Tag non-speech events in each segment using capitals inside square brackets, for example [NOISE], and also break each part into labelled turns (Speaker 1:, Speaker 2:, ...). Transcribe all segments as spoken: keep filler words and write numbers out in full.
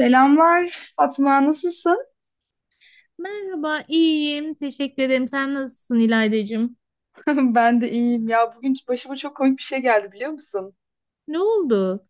Speaker 1: Selamlar Fatma, nasılsın?
Speaker 2: Merhaba, iyiyim. Teşekkür ederim. Sen nasılsın İlaydacığım?
Speaker 1: [LAUGHS] Ben de iyiyim ya. Bugün başıma çok komik bir şey geldi biliyor musun?
Speaker 2: Ne oldu?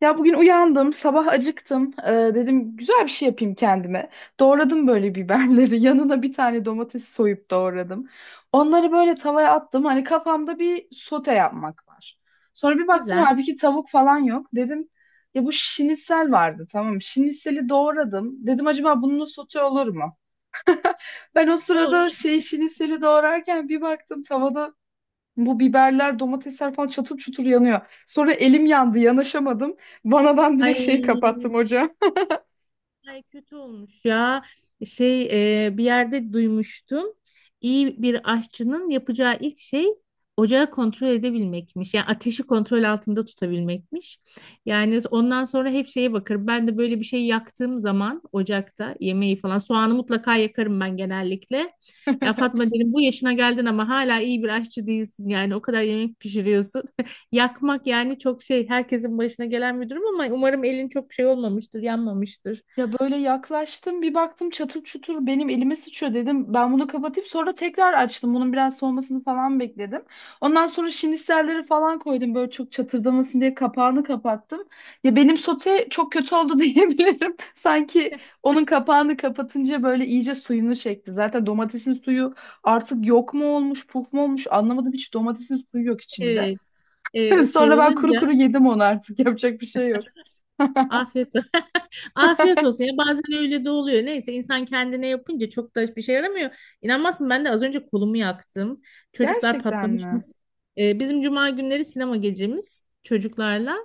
Speaker 1: Ya bugün uyandım, sabah acıktım. Ee, dedim güzel bir şey yapayım kendime. Doğradım böyle biberleri. [LAUGHS] Yanına bir tane domates soyup doğradım. Onları böyle tavaya attım. Hani kafamda bir sote yapmak var. Sonra bir baktım
Speaker 2: Güzel.
Speaker 1: halbuki tavuk falan yok. Dedim ya bu şinitsel vardı tamam mı? Şinitseli doğradım. Dedim acaba bunun sote olur mu? Ben o
Speaker 2: O
Speaker 1: sırada şey şinitseli doğrarken bir baktım tavada bu biberler, domatesler falan çatır çutur yanıyor. Sonra elim yandı, yanaşamadım. Vanadan direkt
Speaker 2: Ay,
Speaker 1: şeyi kapattım hocam.
Speaker 2: ay kötü olmuş ya. Şey e, Bir yerde duymuştum. İyi bir aşçının yapacağı ilk şey ocağı kontrol edebilmekmiş. Yani ateşi kontrol altında tutabilmekmiş. Yani ondan sonra hep şeye bakar. Ben de böyle bir şey yaktığım zaman ocakta yemeği falan soğanı mutlaka yakarım ben genellikle. Ya
Speaker 1: [LAUGHS]
Speaker 2: Fatma dedim bu yaşına geldin ama hala iyi bir aşçı değilsin yani o kadar yemek pişiriyorsun. [LAUGHS] Yakmak yani çok şey herkesin başına gelen bir durum ama umarım elin çok şey olmamıştır, yanmamıştır.
Speaker 1: Ya böyle yaklaştım bir baktım çatır çutur benim elime sıçıyor dedim. Ben bunu kapatayım sonra tekrar açtım. Bunun biraz soğumasını falan bekledim. Ondan sonra şiniselleri falan koydum böyle çok çatırdamasın diye kapağını kapattım. Ya benim sote çok kötü oldu [LAUGHS] diyebilirim. Sanki onun kapağını kapatınca böyle iyice suyunu çekti. Zaten domatesin suyu artık yok mu olmuş puf mu olmuş anlamadım hiç domatesin suyu yok içinde.
Speaker 2: Evet,
Speaker 1: [LAUGHS]
Speaker 2: e, şey
Speaker 1: Sonra ben kuru kuru
Speaker 2: olunca
Speaker 1: yedim onu artık yapacak bir şey yok.
Speaker 2: afiyet olsun. [LAUGHS] Afiyet olsun ya bazen öyle de oluyor. Neyse insan kendine yapınca çok da bir şey yaramıyor. İnanmazsın ben de az önce kolumu yaktım. Çocuklar
Speaker 1: Gerçekten
Speaker 2: patlamış
Speaker 1: mi?
Speaker 2: mısır. E, bizim cuma günleri sinema gecemiz çocuklarla.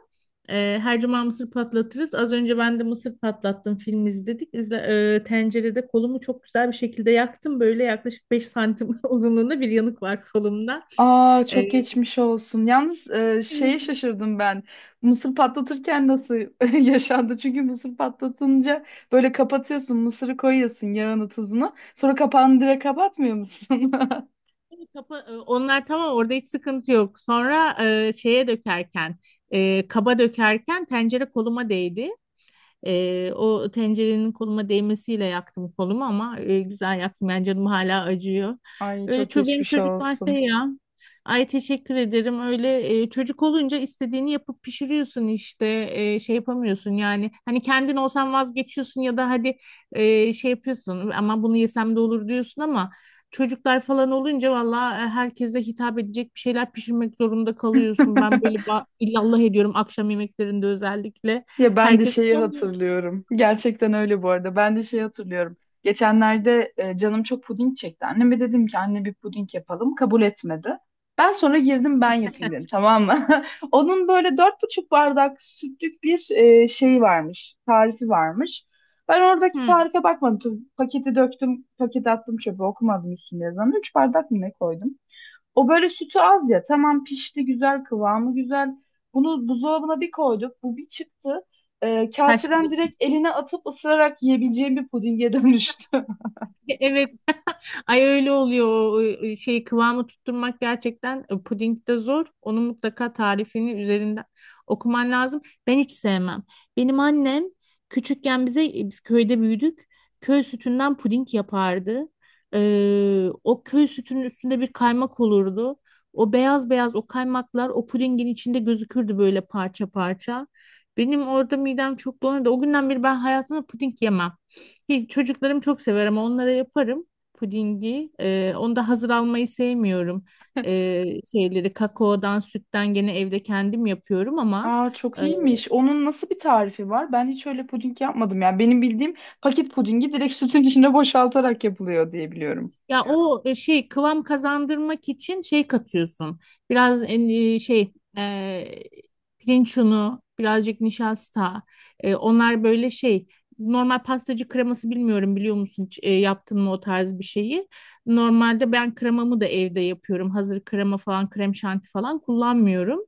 Speaker 2: E, her cuma mısır patlatırız. Az önce ben de mısır patlattım film izledik. İzle, e, tencerede kolumu çok güzel bir şekilde yaktım. Böyle yaklaşık beş santim [LAUGHS] uzunluğunda bir yanık var kolumda.
Speaker 1: Aa çok geçmiş olsun. Yalnız e, şeye
Speaker 2: E,
Speaker 1: şaşırdım ben. Mısır patlatırken nasıl [LAUGHS] yaşandı? Çünkü mısır patlatınca böyle kapatıyorsun, mısırı koyuyorsun, yağını, tuzunu. Sonra kapağını direkt kapatmıyor musun? [LAUGHS]
Speaker 2: Kapa, e, onlar tamam orada hiç sıkıntı yok. Sonra e, şeye dökerken, e, kaba dökerken tencere koluma değdi. E, o tencerenin koluma değmesiyle yaktım kolumu ama e, güzel yaktım. Yani canım hala acıyor.
Speaker 1: Ay
Speaker 2: Öyle
Speaker 1: çok
Speaker 2: ço- benim
Speaker 1: geçmiş
Speaker 2: çocuklar şey
Speaker 1: olsun.
Speaker 2: ya. Ay teşekkür ederim. Öyle e, çocuk olunca istediğini yapıp pişiriyorsun işte. E, şey yapamıyorsun yani. Hani kendin olsan vazgeçiyorsun ya da hadi e, şey yapıyorsun ama bunu yesem de olur diyorsun ama çocuklar falan olunca valla e, herkese hitap edecek bir şeyler pişirmek zorunda kalıyorsun. Ben böyle
Speaker 1: [LAUGHS]
Speaker 2: ba- illallah ediyorum akşam yemeklerinde özellikle.
Speaker 1: Ya ben de
Speaker 2: Herkes
Speaker 1: şeyi hatırlıyorum. Gerçekten öyle bu arada. Ben de şeyi hatırlıyorum. Geçenlerde e, canım çok puding çekti. Anneme dedim ki anne bir puding yapalım. Kabul etmedi. Ben sonra girdim ben yapayım dedim tamam mı? [LAUGHS] Onun böyle dört buçuk bardak sütlük bir e, şeyi varmış. Tarifi varmış. Ben oradaki
Speaker 2: Hı,
Speaker 1: tarife bakmadım. Tabii paketi döktüm, paketi attım çöpe okumadım üstünde yazan. Üç bardak mı ne koydum? O böyle sütü az ya. Tamam pişti güzel kıvamı güzel. Bunu buzdolabına bir koyduk. Bu bir çıktı. Ee,
Speaker 2: taş
Speaker 1: kaseden
Speaker 2: gibi.
Speaker 1: direkt eline atıp ısırarak yiyebileceğim bir pudinge dönüştü. [LAUGHS]
Speaker 2: Evet. Ay öyle oluyor. O o e, şey, kıvamı tutturmak gerçekten e, puding de zor. Onun mutlaka tarifini üzerinden okuman lazım. Ben hiç sevmem. Benim annem küçükken bize e, biz köyde büyüdük. Köy sütünden puding yapardı. Ee, o köy sütünün üstünde bir kaymak olurdu. O beyaz beyaz o kaymaklar o pudingin içinde gözükürdü böyle parça parça. Benim orada midem çok bulanırdı. O günden beri ben hayatımda puding yemem. Hiç, çocuklarım çok sever ama onlara yaparım pudingi. Ee, onu da hazır almayı sevmiyorum. Ee, Şeyleri kakaodan, sütten gene evde kendim yapıyorum ama
Speaker 1: Aa çok iyiymiş. Onun nasıl bir tarifi var? Ben hiç öyle puding yapmadım ya. Benim bildiğim paket pudingi direkt sütün içine [LAUGHS] boşaltarak yapılıyor diye biliyorum.
Speaker 2: ya o e, şey kıvam kazandırmak için şey katıyorsun. Biraz e, şey e, pirinç unu, birazcık nişasta. E, onlar böyle şey normal pastacı kreması bilmiyorum biliyor musun hiç, e, yaptın mı o tarz bir şeyi. Normalde ben kremamı da evde yapıyorum. Hazır krema falan, krem şanti falan kullanmıyorum.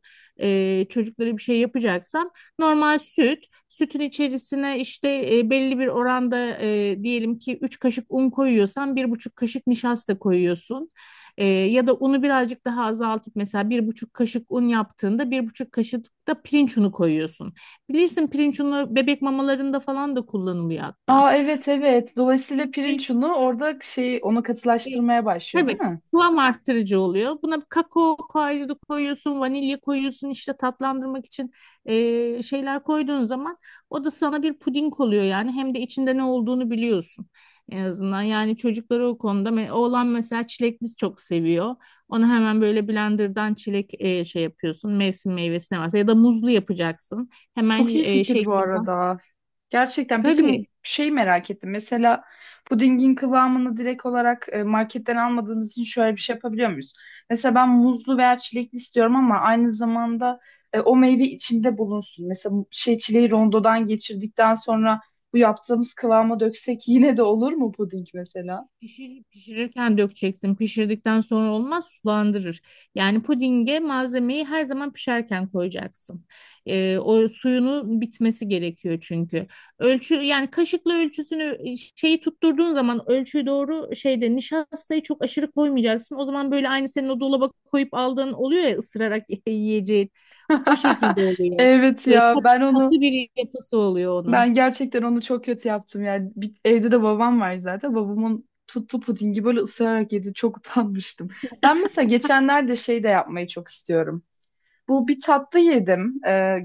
Speaker 2: E, çocuklara bir şey yapacaksam normal süt, sütün içerisine işte e, belli bir oranda e, diyelim ki üç kaşık un koyuyorsan bir buçuk kaşık nişasta koyuyorsun. E, ya da unu birazcık daha azaltıp mesela bir buçuk kaşık un yaptığında bir buçuk kaşık da pirinç unu koyuyorsun. Bilirsin pirinç unu bebek mamalarında falan da kullanılıyor hatta.
Speaker 1: Aa evet evet. Dolayısıyla pirinç unu orada şey onu
Speaker 2: E,
Speaker 1: katılaştırmaya başlıyor, değil
Speaker 2: Tabii
Speaker 1: mi?
Speaker 2: kıvam arttırıcı oluyor. Buna kakao kaydı koyuyorsun, vanilya koyuyorsun işte tatlandırmak için eee, şeyler koyduğun zaman o da sana bir puding oluyor yani. Hem de içinde ne olduğunu biliyorsun en azından. Yani çocukları o konuda me- oğlan mesela çilekli çok seviyor. Onu hemen böyle blenderdan çilek eee, şey yapıyorsun. Mevsim meyvesi ne varsa ya da muzlu yapacaksın. Hemen
Speaker 1: Çok iyi
Speaker 2: eee,
Speaker 1: fikir
Speaker 2: şey
Speaker 1: bu arada. Gerçekten. Peki
Speaker 2: tabii.
Speaker 1: şey merak ettim. Mesela pudingin kıvamını direkt olarak e, marketten almadığımız için şöyle bir şey yapabiliyor muyuz? Mesela ben muzlu veya çilekli istiyorum ama aynı zamanda e, o meyve içinde bulunsun. Mesela bu şey çileği rondodan geçirdikten sonra bu yaptığımız kıvama döksek yine de olur mu puding mesela?
Speaker 2: Pişir, pişirirken dökeceksin. Pişirdikten sonra olmaz, sulandırır. Yani pudinge malzemeyi her zaman pişerken koyacaksın. Ee, o suyunu bitmesi gerekiyor çünkü. Ölçü yani kaşıkla ölçüsünü e, şeyi tutturduğun zaman ölçüyü doğru şeyde nişastayı çok aşırı koymayacaksın. O zaman böyle aynı senin o dolaba koyup aldığın oluyor ya ısırarak [LAUGHS] yiyeceğin. O şekilde
Speaker 1: [LAUGHS]
Speaker 2: oluyor.
Speaker 1: Evet
Speaker 2: Böyle
Speaker 1: ya
Speaker 2: kat,
Speaker 1: ben onu
Speaker 2: katı bir yapısı oluyor onun.
Speaker 1: ben gerçekten onu çok kötü yaptım yani. Bir- evde de babam var zaten. Babamın tuttu pudingi böyle ısırarak yedi. Çok [LAUGHS] utanmıştım. Ben mesela geçenlerde şey de yapmayı çok istiyorum. Bu bir tatlı yedim. Ee,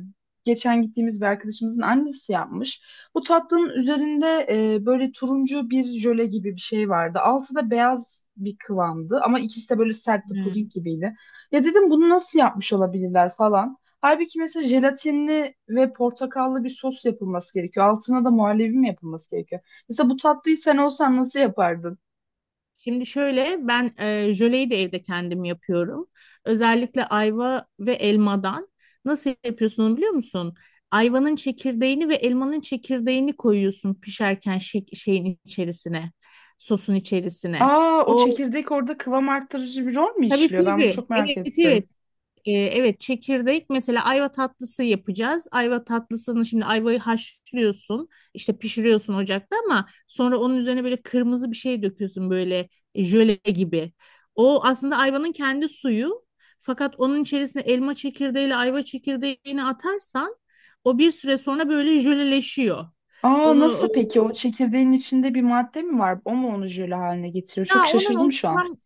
Speaker 1: Geçen gittiğimiz bir arkadaşımızın annesi yapmış. Bu tatlının üzerinde e, böyle turuncu bir jöle gibi bir şey vardı. Altı da beyaz bir kıvamdı ama ikisi de böyle sertti
Speaker 2: Hmm.
Speaker 1: puding gibiydi. Ya dedim bunu nasıl yapmış olabilirler falan. Halbuki mesela jelatinli ve portakallı bir sos yapılması gerekiyor. Altına da muhallebi mi yapılması gerekiyor? Mesela bu tatlıyı sen olsan nasıl yapardın?
Speaker 2: Şimdi şöyle ben e, jöleyi de evde kendim yapıyorum. Özellikle ayva ve elmadan. Nasıl yapıyorsun onu biliyor musun? Ayvanın çekirdeğini ve elmanın çekirdeğini koyuyorsun pişerken şey- şeyin içerisine, sosun içerisine.
Speaker 1: Aa o
Speaker 2: O
Speaker 1: çekirdek orada kıvam arttırıcı bir rol mü
Speaker 2: tabii,
Speaker 1: işliyor? Ben bunu
Speaker 2: tabii.
Speaker 1: çok merak
Speaker 2: Evet, evet.
Speaker 1: ettim.
Speaker 2: Ee, evet çekirdek mesela ayva tatlısı yapacağız. Ayva tatlısını şimdi ayvayı haşlıyorsun işte pişiriyorsun ocakta ama sonra onun üzerine böyle kırmızı bir şey döküyorsun böyle jöle gibi. O aslında ayvanın kendi suyu fakat onun içerisine elma çekirdeğiyle ayva çekirdeğini atarsan o bir süre sonra böyle jöleleşiyor.
Speaker 1: Aa
Speaker 2: Onu ıı,
Speaker 1: nasıl peki? O çekirdeğin içinde bir madde mi var? O mu onu jöle haline getiriyor?
Speaker 2: Ya
Speaker 1: Çok
Speaker 2: onun
Speaker 1: şaşırdım
Speaker 2: o
Speaker 1: şu an.
Speaker 2: tam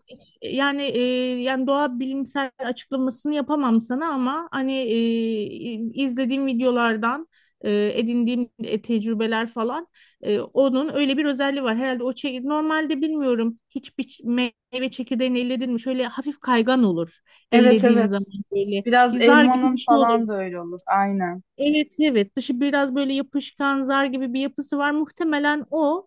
Speaker 2: yani e, yani doğa bilimsel açıklamasını yapamam sana ama hani e, izlediğim videolardan e, edindiğim e, tecrübeler falan e, onun öyle bir özelliği var. Herhalde o çek normalde bilmiyorum hiçbir ç- meyve çekirdeğini elledin mi şöyle hafif kaygan olur
Speaker 1: Evet
Speaker 2: ellediğin zaman
Speaker 1: evet.
Speaker 2: böyle
Speaker 1: Biraz
Speaker 2: bir zar gibi bir
Speaker 1: elmanın
Speaker 2: şey olur.
Speaker 1: falan da öyle olur. Aynen.
Speaker 2: Evet, evet dışı biraz böyle yapışkan zar gibi bir yapısı var. Muhtemelen o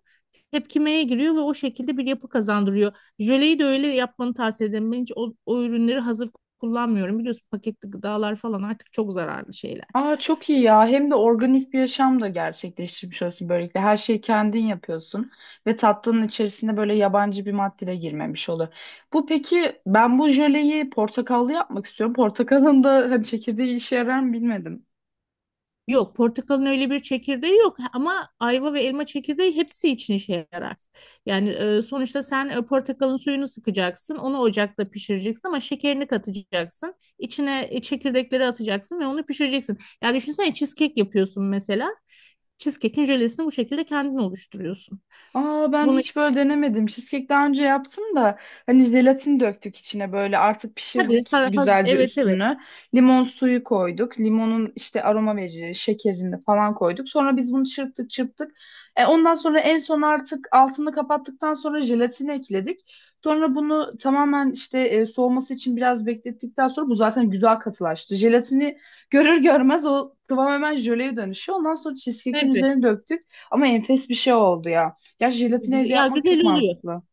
Speaker 2: tepkimeye giriyor ve o şekilde bir yapı kazandırıyor. Jöleyi de öyle yapmanı tavsiye ederim. Ben hiç o, o ürünleri hazır kullanmıyorum. Biliyorsun paketli gıdalar falan artık çok zararlı şeyler.
Speaker 1: Aa çok iyi ya. Hem de organik bir yaşam da gerçekleştirmiş olsun böylelikle. Her şeyi kendin yapıyorsun ve tatlının içerisine böyle yabancı bir madde de girmemiş olur. Bu peki ben bu jöleyi portakallı yapmak istiyorum. Portakalın da hani çekirdeği işe yarar mı bilmedim.
Speaker 2: Yok, portakalın öyle bir çekirdeği yok ama ayva ve elma çekirdeği hepsi için işe yarar. Yani e, sonuçta sen e, portakalın suyunu sıkacaksın, onu ocakta pişireceksin ama şekerini katacaksın, içine e, çekirdekleri atacaksın ve onu pişireceksin. Yani düşünsene cheesecake yapıyorsun mesela. Cheesecake'in jölesini bu şekilde kendin oluşturuyorsun.
Speaker 1: Aa ben
Speaker 2: Bunu
Speaker 1: hiç
Speaker 2: is-
Speaker 1: böyle denemedim. Cheesecake daha önce yaptım da hani jelatin döktük içine böyle artık
Speaker 2: tabii.
Speaker 1: pişirdik
Speaker 2: Ha- haz-
Speaker 1: güzelce
Speaker 2: evet, evet,
Speaker 1: üstünü. Limon suyu koyduk. Limonun işte aroma verici şekerini falan koyduk. Sonra biz bunu çırptık çırptık. E, ondan sonra en son artık altını kapattıktan sonra jelatini ekledik. Sonra bunu tamamen işte e, soğuması için biraz beklettikten sonra bu zaten güzel katılaştı. Jelatini görür görmez o kıvam hemen jöleye dönüşüyor. Ondan sonra cheesecake'in
Speaker 2: tabii.
Speaker 1: üzerine döktük ama enfes bir şey oldu ya. Ya jelatini evde
Speaker 2: Ya
Speaker 1: yapmak
Speaker 2: güzel
Speaker 1: çok
Speaker 2: oluyor.
Speaker 1: mantıklı.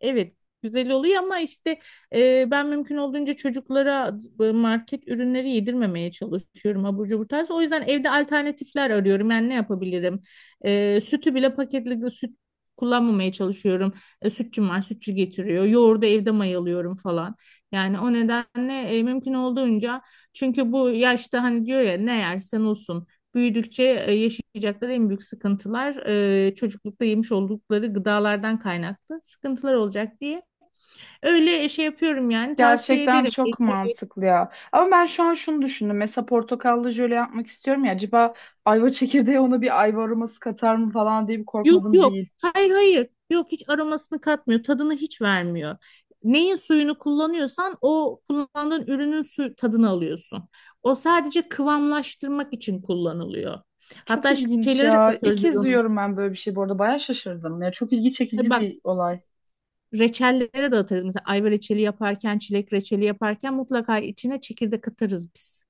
Speaker 2: Evet, güzel oluyor ama işte e, ben mümkün olduğunca çocuklara e, market ürünleri yedirmemeye çalışıyorum abur cubur tarzı. O yüzden evde alternatifler arıyorum. Yani ne yapabilirim? E, sütü bile paketli süt kullanmamaya çalışıyorum. E, sütçüm var, sütçü getiriyor. Yoğurdu evde mayalıyorum falan. Yani o nedenle e, mümkün olduğunca çünkü bu yaşta hani diyor ya ne yersen olsun büyüdükçe e, yaşayacakları en büyük sıkıntılar e, çocuklukta yemiş oldukları gıdalardan kaynaklı sıkıntılar olacak diye. Öyle şey yapıyorum yani tavsiye
Speaker 1: Gerçekten
Speaker 2: ederim.
Speaker 1: çok
Speaker 2: E,
Speaker 1: mantıklı ya. Ama ben şu an şunu düşündüm. Mesela portakallı jöle yapmak istiyorum ya. Acaba ayva çekirdeği ona bir ayva aroması katar mı falan diye bir
Speaker 2: Yok,
Speaker 1: korkmadım
Speaker 2: yok.
Speaker 1: değil.
Speaker 2: Hayır, hayır. Yok hiç aromasını katmıyor. Tadını hiç vermiyor. Neyin suyunu kullanıyorsan o kullandığın ürünün su tadını alıyorsun. O sadece kıvamlaştırmak için kullanılıyor.
Speaker 1: Çok
Speaker 2: Hatta
Speaker 1: ilginç
Speaker 2: şeylere de
Speaker 1: ya. İlk
Speaker 2: katıyoruz biz
Speaker 1: kez
Speaker 2: onu.
Speaker 1: duyuyorum ben böyle bir şey. Bu arada bayağı şaşırdım. Ya çok ilgi
Speaker 2: E
Speaker 1: çekici
Speaker 2: bak
Speaker 1: bir olay.
Speaker 2: reçellere de atarız. Mesela ayva reçeli yaparken, çilek reçeli yaparken mutlaka içine çekirdek atarız biz.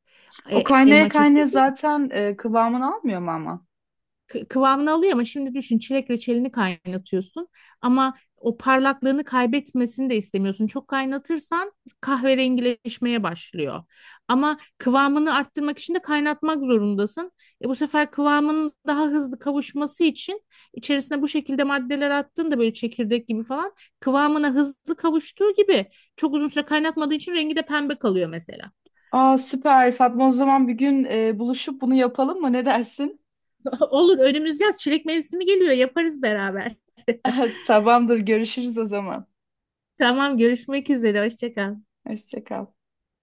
Speaker 1: O
Speaker 2: E,
Speaker 1: kaynaya
Speaker 2: elma
Speaker 1: kaynaya
Speaker 2: çekirdeği
Speaker 1: zaten e, kıvamını almıyor mu ama?
Speaker 2: kı- kıvamını alıyor ama şimdi düşün çilek reçelini kaynatıyorsun ama o parlaklığını kaybetmesini de istemiyorsun. Çok kaynatırsan kahverengileşmeye başlıyor. Ama kıvamını arttırmak için de kaynatmak zorundasın. E bu sefer kıvamının daha hızlı kavuşması için içerisine bu şekilde maddeler attığında böyle çekirdek gibi falan kıvamına hızlı kavuştuğu gibi çok uzun süre kaynatmadığı için rengi de pembe kalıyor mesela.
Speaker 1: Aa süper Fatma o zaman bir gün e, buluşup bunu yapalım mı? Ne dersin?
Speaker 2: [LAUGHS] Olur, önümüz yaz çilek mevsimi geliyor, yaparız beraber. [LAUGHS]
Speaker 1: [LAUGHS] Tamamdır görüşürüz o zaman.
Speaker 2: Tamam, görüşmek üzere, hoşça kal.
Speaker 1: Hoşça kal.